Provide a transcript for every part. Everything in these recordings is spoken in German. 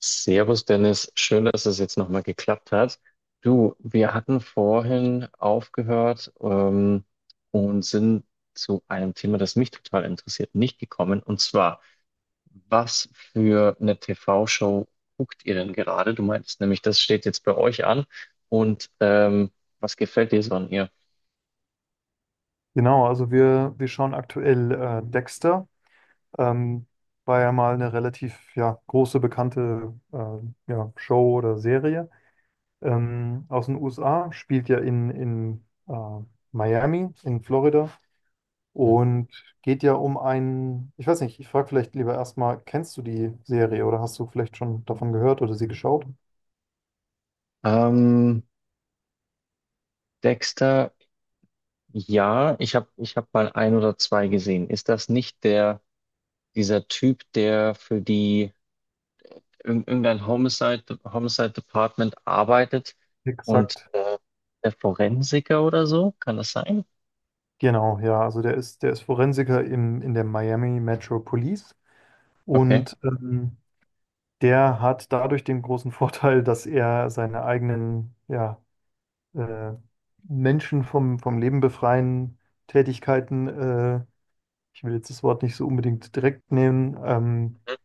Servus Dennis, schön, dass es jetzt nochmal geklappt hat. Du, wir hatten vorhin aufgehört, und sind zu einem Thema, das mich total interessiert, nicht gekommen. Und zwar, was für eine TV-Show guckt ihr denn gerade? Du meintest nämlich, das steht jetzt bei euch an. Und was gefällt dir so an ihr? Genau, also wir schauen aktuell Dexter. Ähm, War ja mal eine relativ ja, große, bekannte ja, Show oder Serie aus den USA. Spielt ja in Miami, in Florida. Hm? Und geht ja um einen, ich weiß nicht, ich frage vielleicht lieber erstmal, kennst du die Serie oder hast du vielleicht schon davon gehört oder sie geschaut? Ähm, Dexter, ja, ich hab mal ein oder zwei gesehen. Ist das nicht der, dieser Typ, der für die irgendein Homicide Department arbeitet und Exakt. Der Forensiker oder so, kann das sein? Genau, ja. Also der ist Forensiker in der Miami Metro Police. Okay. Und der hat dadurch den großen Vorteil, dass er seine eigenen, ja, äh, Menschen vom Leben befreien Tätigkeiten, ich will jetzt das Wort nicht so unbedingt direkt nehmen, Mhm.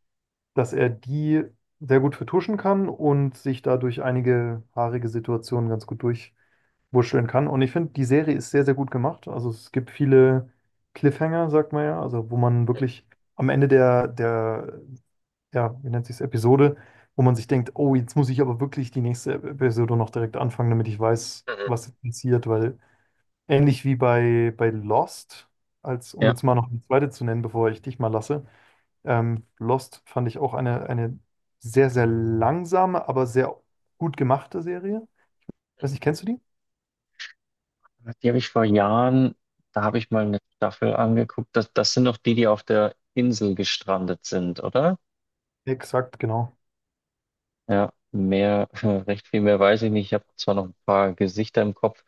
dass er die sehr gut vertuschen kann und sich dadurch einige haarige Situationen ganz gut durchwurschteln kann. Und ich finde, die Serie ist sehr, sehr gut gemacht. Also es gibt viele Cliffhanger, sagt man ja, also wo man wirklich am Ende der ja, wie nennt sich's, Episode, wo man sich denkt, oh, jetzt muss ich aber wirklich die nächste Episode noch direkt anfangen, damit ich weiß, Mhm. was jetzt passiert, weil ähnlich wie bei Lost, als, um Ja, jetzt mal noch eine zweite zu nennen, bevor ich dich mal lasse, Lost fand ich auch eine sehr, sehr langsame, aber sehr gut gemachte Serie. Weiß nicht, kennst du die? die habe ich vor Jahren, da habe ich mal eine Staffel angeguckt. Das, das sind doch die, die auf der Insel gestrandet sind, oder? Exakt, genau. Ja, mehr, recht viel mehr weiß ich nicht. Ich habe zwar noch ein paar Gesichter im Kopf,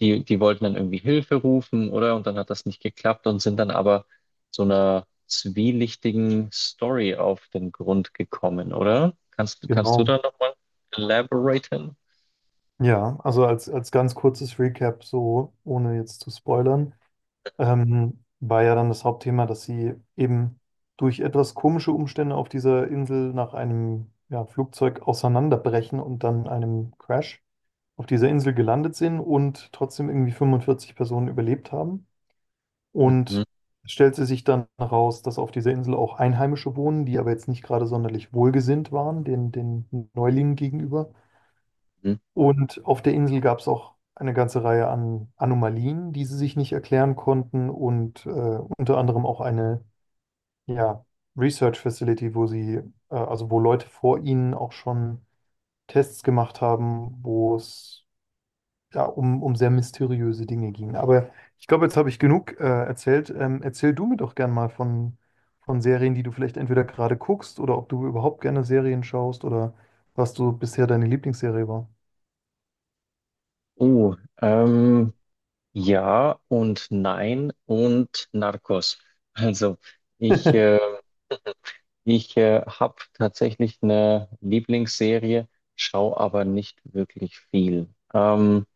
die, die wollten dann irgendwie Hilfe rufen, oder? Und dann hat das nicht geklappt und sind dann aber so einer zwielichtigen Story auf den Grund gekommen, oder? Kannst, kannst du Genau. da nochmal elaboraten? Ja, also als ganz kurzes Recap, so ohne jetzt zu spoilern. War ja dann das Hauptthema, dass sie eben durch etwas komische Umstände auf dieser Insel nach einem ja, Flugzeug auseinanderbrechen und dann einem Crash auf dieser Insel gelandet sind und trotzdem irgendwie 45 Personen überlebt haben. Mhm. Und es stellte sich dann heraus, dass auf dieser Insel auch Einheimische wohnen, die aber jetzt nicht gerade sonderlich wohlgesinnt waren, den Neulingen gegenüber. Mhm. Und auf der Insel gab es auch eine ganze Reihe an Anomalien, die sie sich nicht erklären konnten und unter anderem auch eine ja, Research Facility, wo sie, also wo Leute vor ihnen auch schon Tests gemacht haben, wo es ja, um sehr mysteriöse Dinge ging. Aber ich glaube, jetzt habe ich genug erzählt. Erzähl du mir doch gern mal von Serien, die du vielleicht entweder gerade guckst oder ob du überhaupt gerne Serien schaust oder was du bisher deine Lieblingsserie war. Oh, ähm, ja und nein und Narcos. Also, ich, äh, Ich habe tatsächlich eine Lieblingsserie, schaue aber nicht wirklich viel.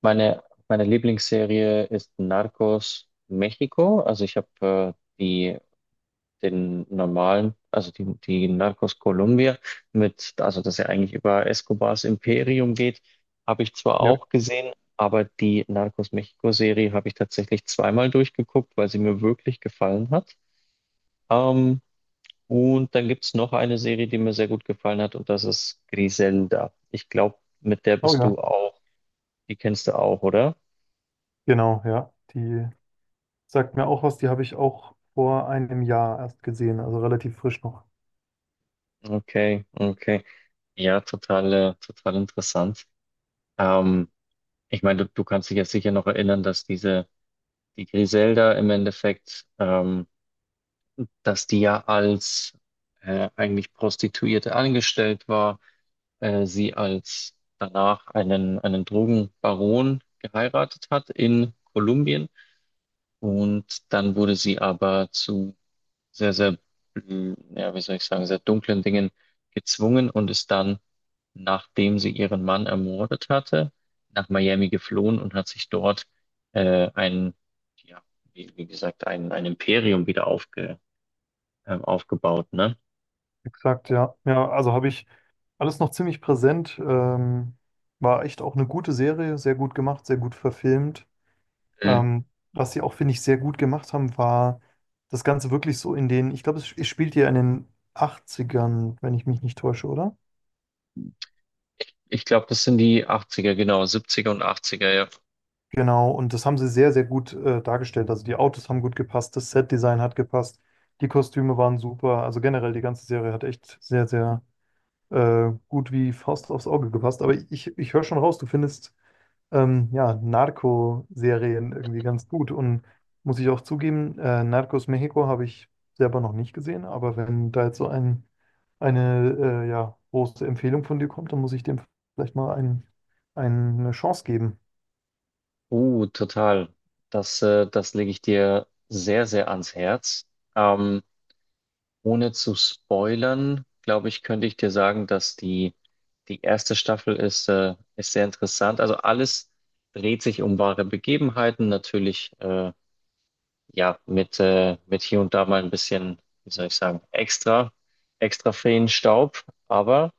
meine, meine Lieblingsserie ist Narcos Mexiko. Also ich habe die den normalen, also die Narcos Colombia mit, also dass ja eigentlich über Escobars Imperium geht, habe ich zwar Ja. auch gesehen, aber die Narcos Mexiko Serie habe ich tatsächlich zweimal durchgeguckt, weil sie mir wirklich gefallen hat. Ähm, und dann gibt's noch eine Serie, die mir sehr gut gefallen hat, und das ist Griselda. Ich glaube, mit der Oh bist ja. du auch. Die kennst du auch, oder? Genau, ja. Die sagt mir auch was, die habe ich auch vor einem Jahr erst gesehen, also relativ frisch noch. Okay, okay. Ja, total, total interessant. Ähm, ich meine, du kannst dich jetzt sicher noch erinnern, dass die Griselda im Endeffekt, dass die ja als eigentlich Prostituierte angestellt war, sie als danach einen Drogenbaron geheiratet hat in Kolumbien. Und dann wurde sie aber zu sehr, sehr, ja, wie soll ich sagen, sehr dunklen Dingen gezwungen und ist dann, nachdem sie ihren Mann ermordet hatte, nach Miami geflohen und hat sich dort äh, ein, ja, wie, wie gesagt, ein Imperium wieder aufgebaut, ne? Exakt, ja. Ja, also habe ich alles noch ziemlich präsent. War echt auch eine gute Serie, sehr gut gemacht, sehr gut verfilmt. Mm. Ähm, Was sie auch, finde ich, sehr gut gemacht haben, war das Ganze wirklich so in den, ich glaube, es spielt ja in den Achtzigern, wenn ich mich nicht täusche, oder? Ich glaube, das sind die 80er, genau, 70er und 80er, ja. Genau, und das haben sie sehr, sehr gut dargestellt. Also die Autos haben gut gepasst, das Set-Design hat gepasst, die Kostüme waren super. Also generell die ganze Serie hat echt sehr, sehr gut wie Faust aufs Auge gepasst. Aber ich höre schon raus, du findest ja, Narco-Serien irgendwie ganz gut. Und muss ich auch zugeben, Narcos Mexico habe ich selber noch nicht gesehen, aber wenn da jetzt so ein, eine ja, große Empfehlung von dir kommt, dann muss ich dem vielleicht mal ein, eine Chance geben. Total. Das, das lege ich dir sehr, sehr ans Herz. Ähm, Ohne zu spoilern, glaube ich, könnte ich dir sagen, dass die erste Staffel ist sehr interessant. Also alles dreht sich um wahre Begebenheiten, natürlich ja mit hier und da mal ein bisschen, wie soll ich sagen, extra Feenstaub, aber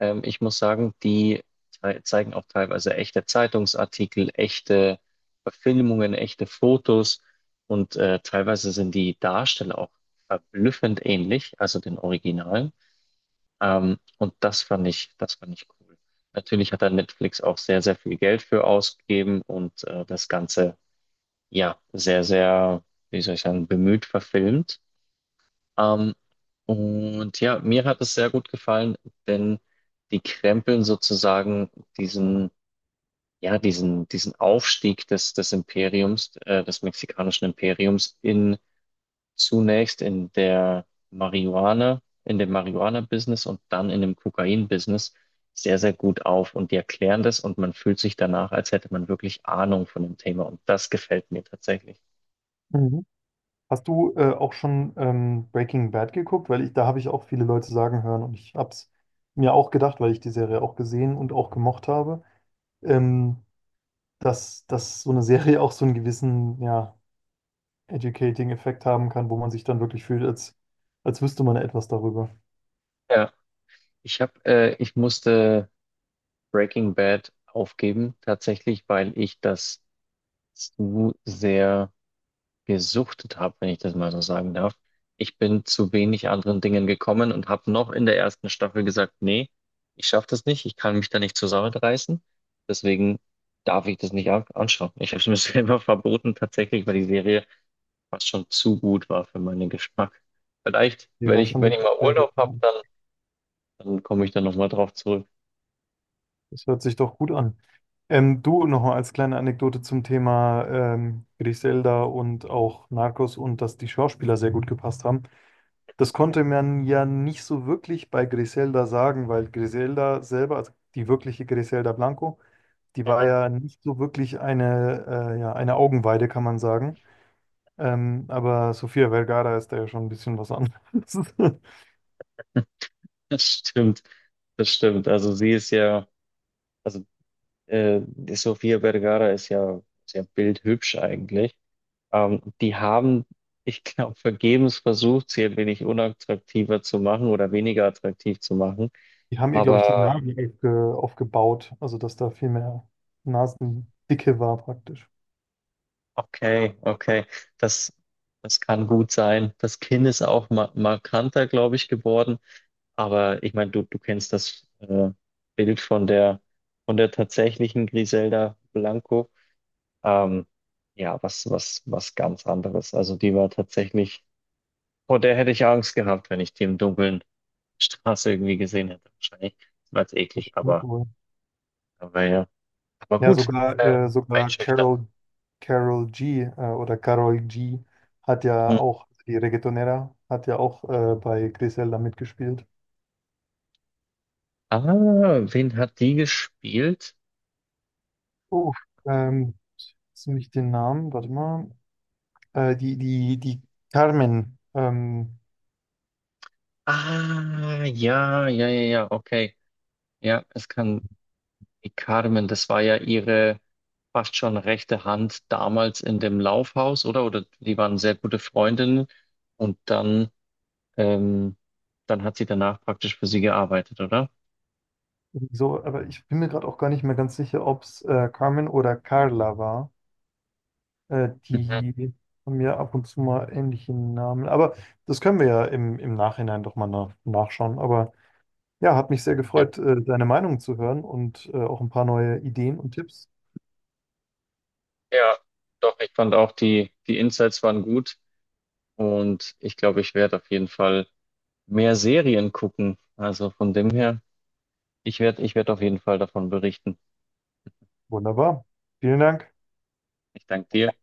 ich muss sagen, die zeigen auch teilweise echte Zeitungsartikel, echte Verfilmungen, echte Fotos und teilweise sind die Darsteller auch verblüffend ähnlich, also den Originalen. Und das fand ich cool. Natürlich hat da Netflix auch sehr, sehr viel Geld für ausgegeben und das Ganze ja sehr, sehr, wie soll ich sagen, bemüht verfilmt. Ähm, und ja, mir hat es sehr gut gefallen, denn die krempeln sozusagen diesen, ja, diesen Aufstieg des, des Imperiums, des mexikanischen Imperiums in zunächst in der in dem Marihuana-Business und dann in dem Kokain-Business sehr, sehr gut auf. Und die erklären das und man fühlt sich danach, als hätte man wirklich Ahnung von dem Thema. Und das gefällt mir tatsächlich. Mhm. Hast du auch schon Breaking Bad geguckt? Weil ich, da habe ich auch viele Leute sagen hören und ich habe es mir auch gedacht, weil ich die Serie auch gesehen und auch gemocht habe, ähm, dass, dass so eine Serie auch so einen gewissen, ja, Educating-Effekt haben kann, wo man sich dann wirklich fühlt, als, als wüsste man etwas darüber. Ja, ich musste Breaking Bad aufgeben, tatsächlich, weil ich das zu sehr gesuchtet habe, wenn ich das mal so sagen darf. Ich bin zu wenig anderen Dingen gekommen und habe noch in der ersten Staffel gesagt, nee, ich schaffe das nicht, ich kann mich da nicht zusammenreißen, deswegen darf ich das nicht anschauen. Ich habe es mir selber verboten, tatsächlich, weil die Serie fast schon zu gut war für meinen Geschmack. Vielleicht, Die war schon wenn ich wirklich mal sehr gut. Urlaub habe, Ja. dann, dann komme ich da nochmal drauf zurück. Das hört sich doch gut an. Du nochmal als kleine Anekdote zum Thema Griselda und auch Narcos und dass die Schauspieler sehr gut gepasst haben. Das konnte man ja nicht so wirklich bei Griselda sagen, weil Griselda selber, also die wirkliche Griselda Blanco, die war ja nicht so wirklich eine, ja, eine Augenweide, kann man sagen. Aber Sofia Vergara ist da ja schon ein bisschen was anderes. Das stimmt, das stimmt. Also sie ist ja, also die Sofia Vergara ist ja sehr bildhübsch eigentlich. Ähm, die haben, ich glaube, vergebens versucht, sie ein wenig unattraktiver zu machen oder weniger attraktiv zu machen. Die haben ihr, glaube ich, die Aber Nasen aufgebaut, also dass da viel mehr Nasendicke war praktisch. okay, okay, das, das kann gut sein. Das Kinn ist auch ma markanter, glaube ich, geworden. Aber ich meine, du kennst das Bild von der tatsächlichen Griselda Blanco. Ähm, ja, was, was, was ganz anderes. Also die war tatsächlich, vor der hätte ich Angst gehabt, wenn ich die im Dunkeln Straße irgendwie gesehen hätte. Wahrscheinlich war es Das eklig, stimmt wohl. aber ja. Aber Ja, gut. sogar, sogar Einschüchternd. Carol G oder Carol G hat ja Mhm. auch, die Reggaetonera, hat ja auch bei Griselda mitgespielt. Ah, wen hat die gespielt? Oh, ähm, jetzt nehme ich den Namen, warte mal. Die Carmen, Ah, ja, ja, ja, ja, okay. Ja, es kann die Carmen, das war ja ihre fast schon rechte Hand damals in dem Laufhaus, oder? Oder die waren sehr gute Freundinnen. Und dann Ähm, dann hat sie danach praktisch für sie gearbeitet, oder? so, aber ich bin mir gerade auch gar nicht mehr ganz sicher, ob es Carmen oder Carla war. Äh, Mhm. die haben ja ab und zu mal ähnliche Namen. Aber das können wir ja im Nachhinein doch mal nachschauen. Aber ja, hat mich sehr Ja, gefreut, deine Meinung zu hören und auch ein paar neue Ideen und Tipps. ja, doch, ich fand auch die, die Insights waren gut und ich glaube, ich werde auf jeden Fall mehr Serien gucken. Also von dem her, ich werde auf jeden Fall davon berichten. Wunderbar. Vielen Dank. Ich danke dir.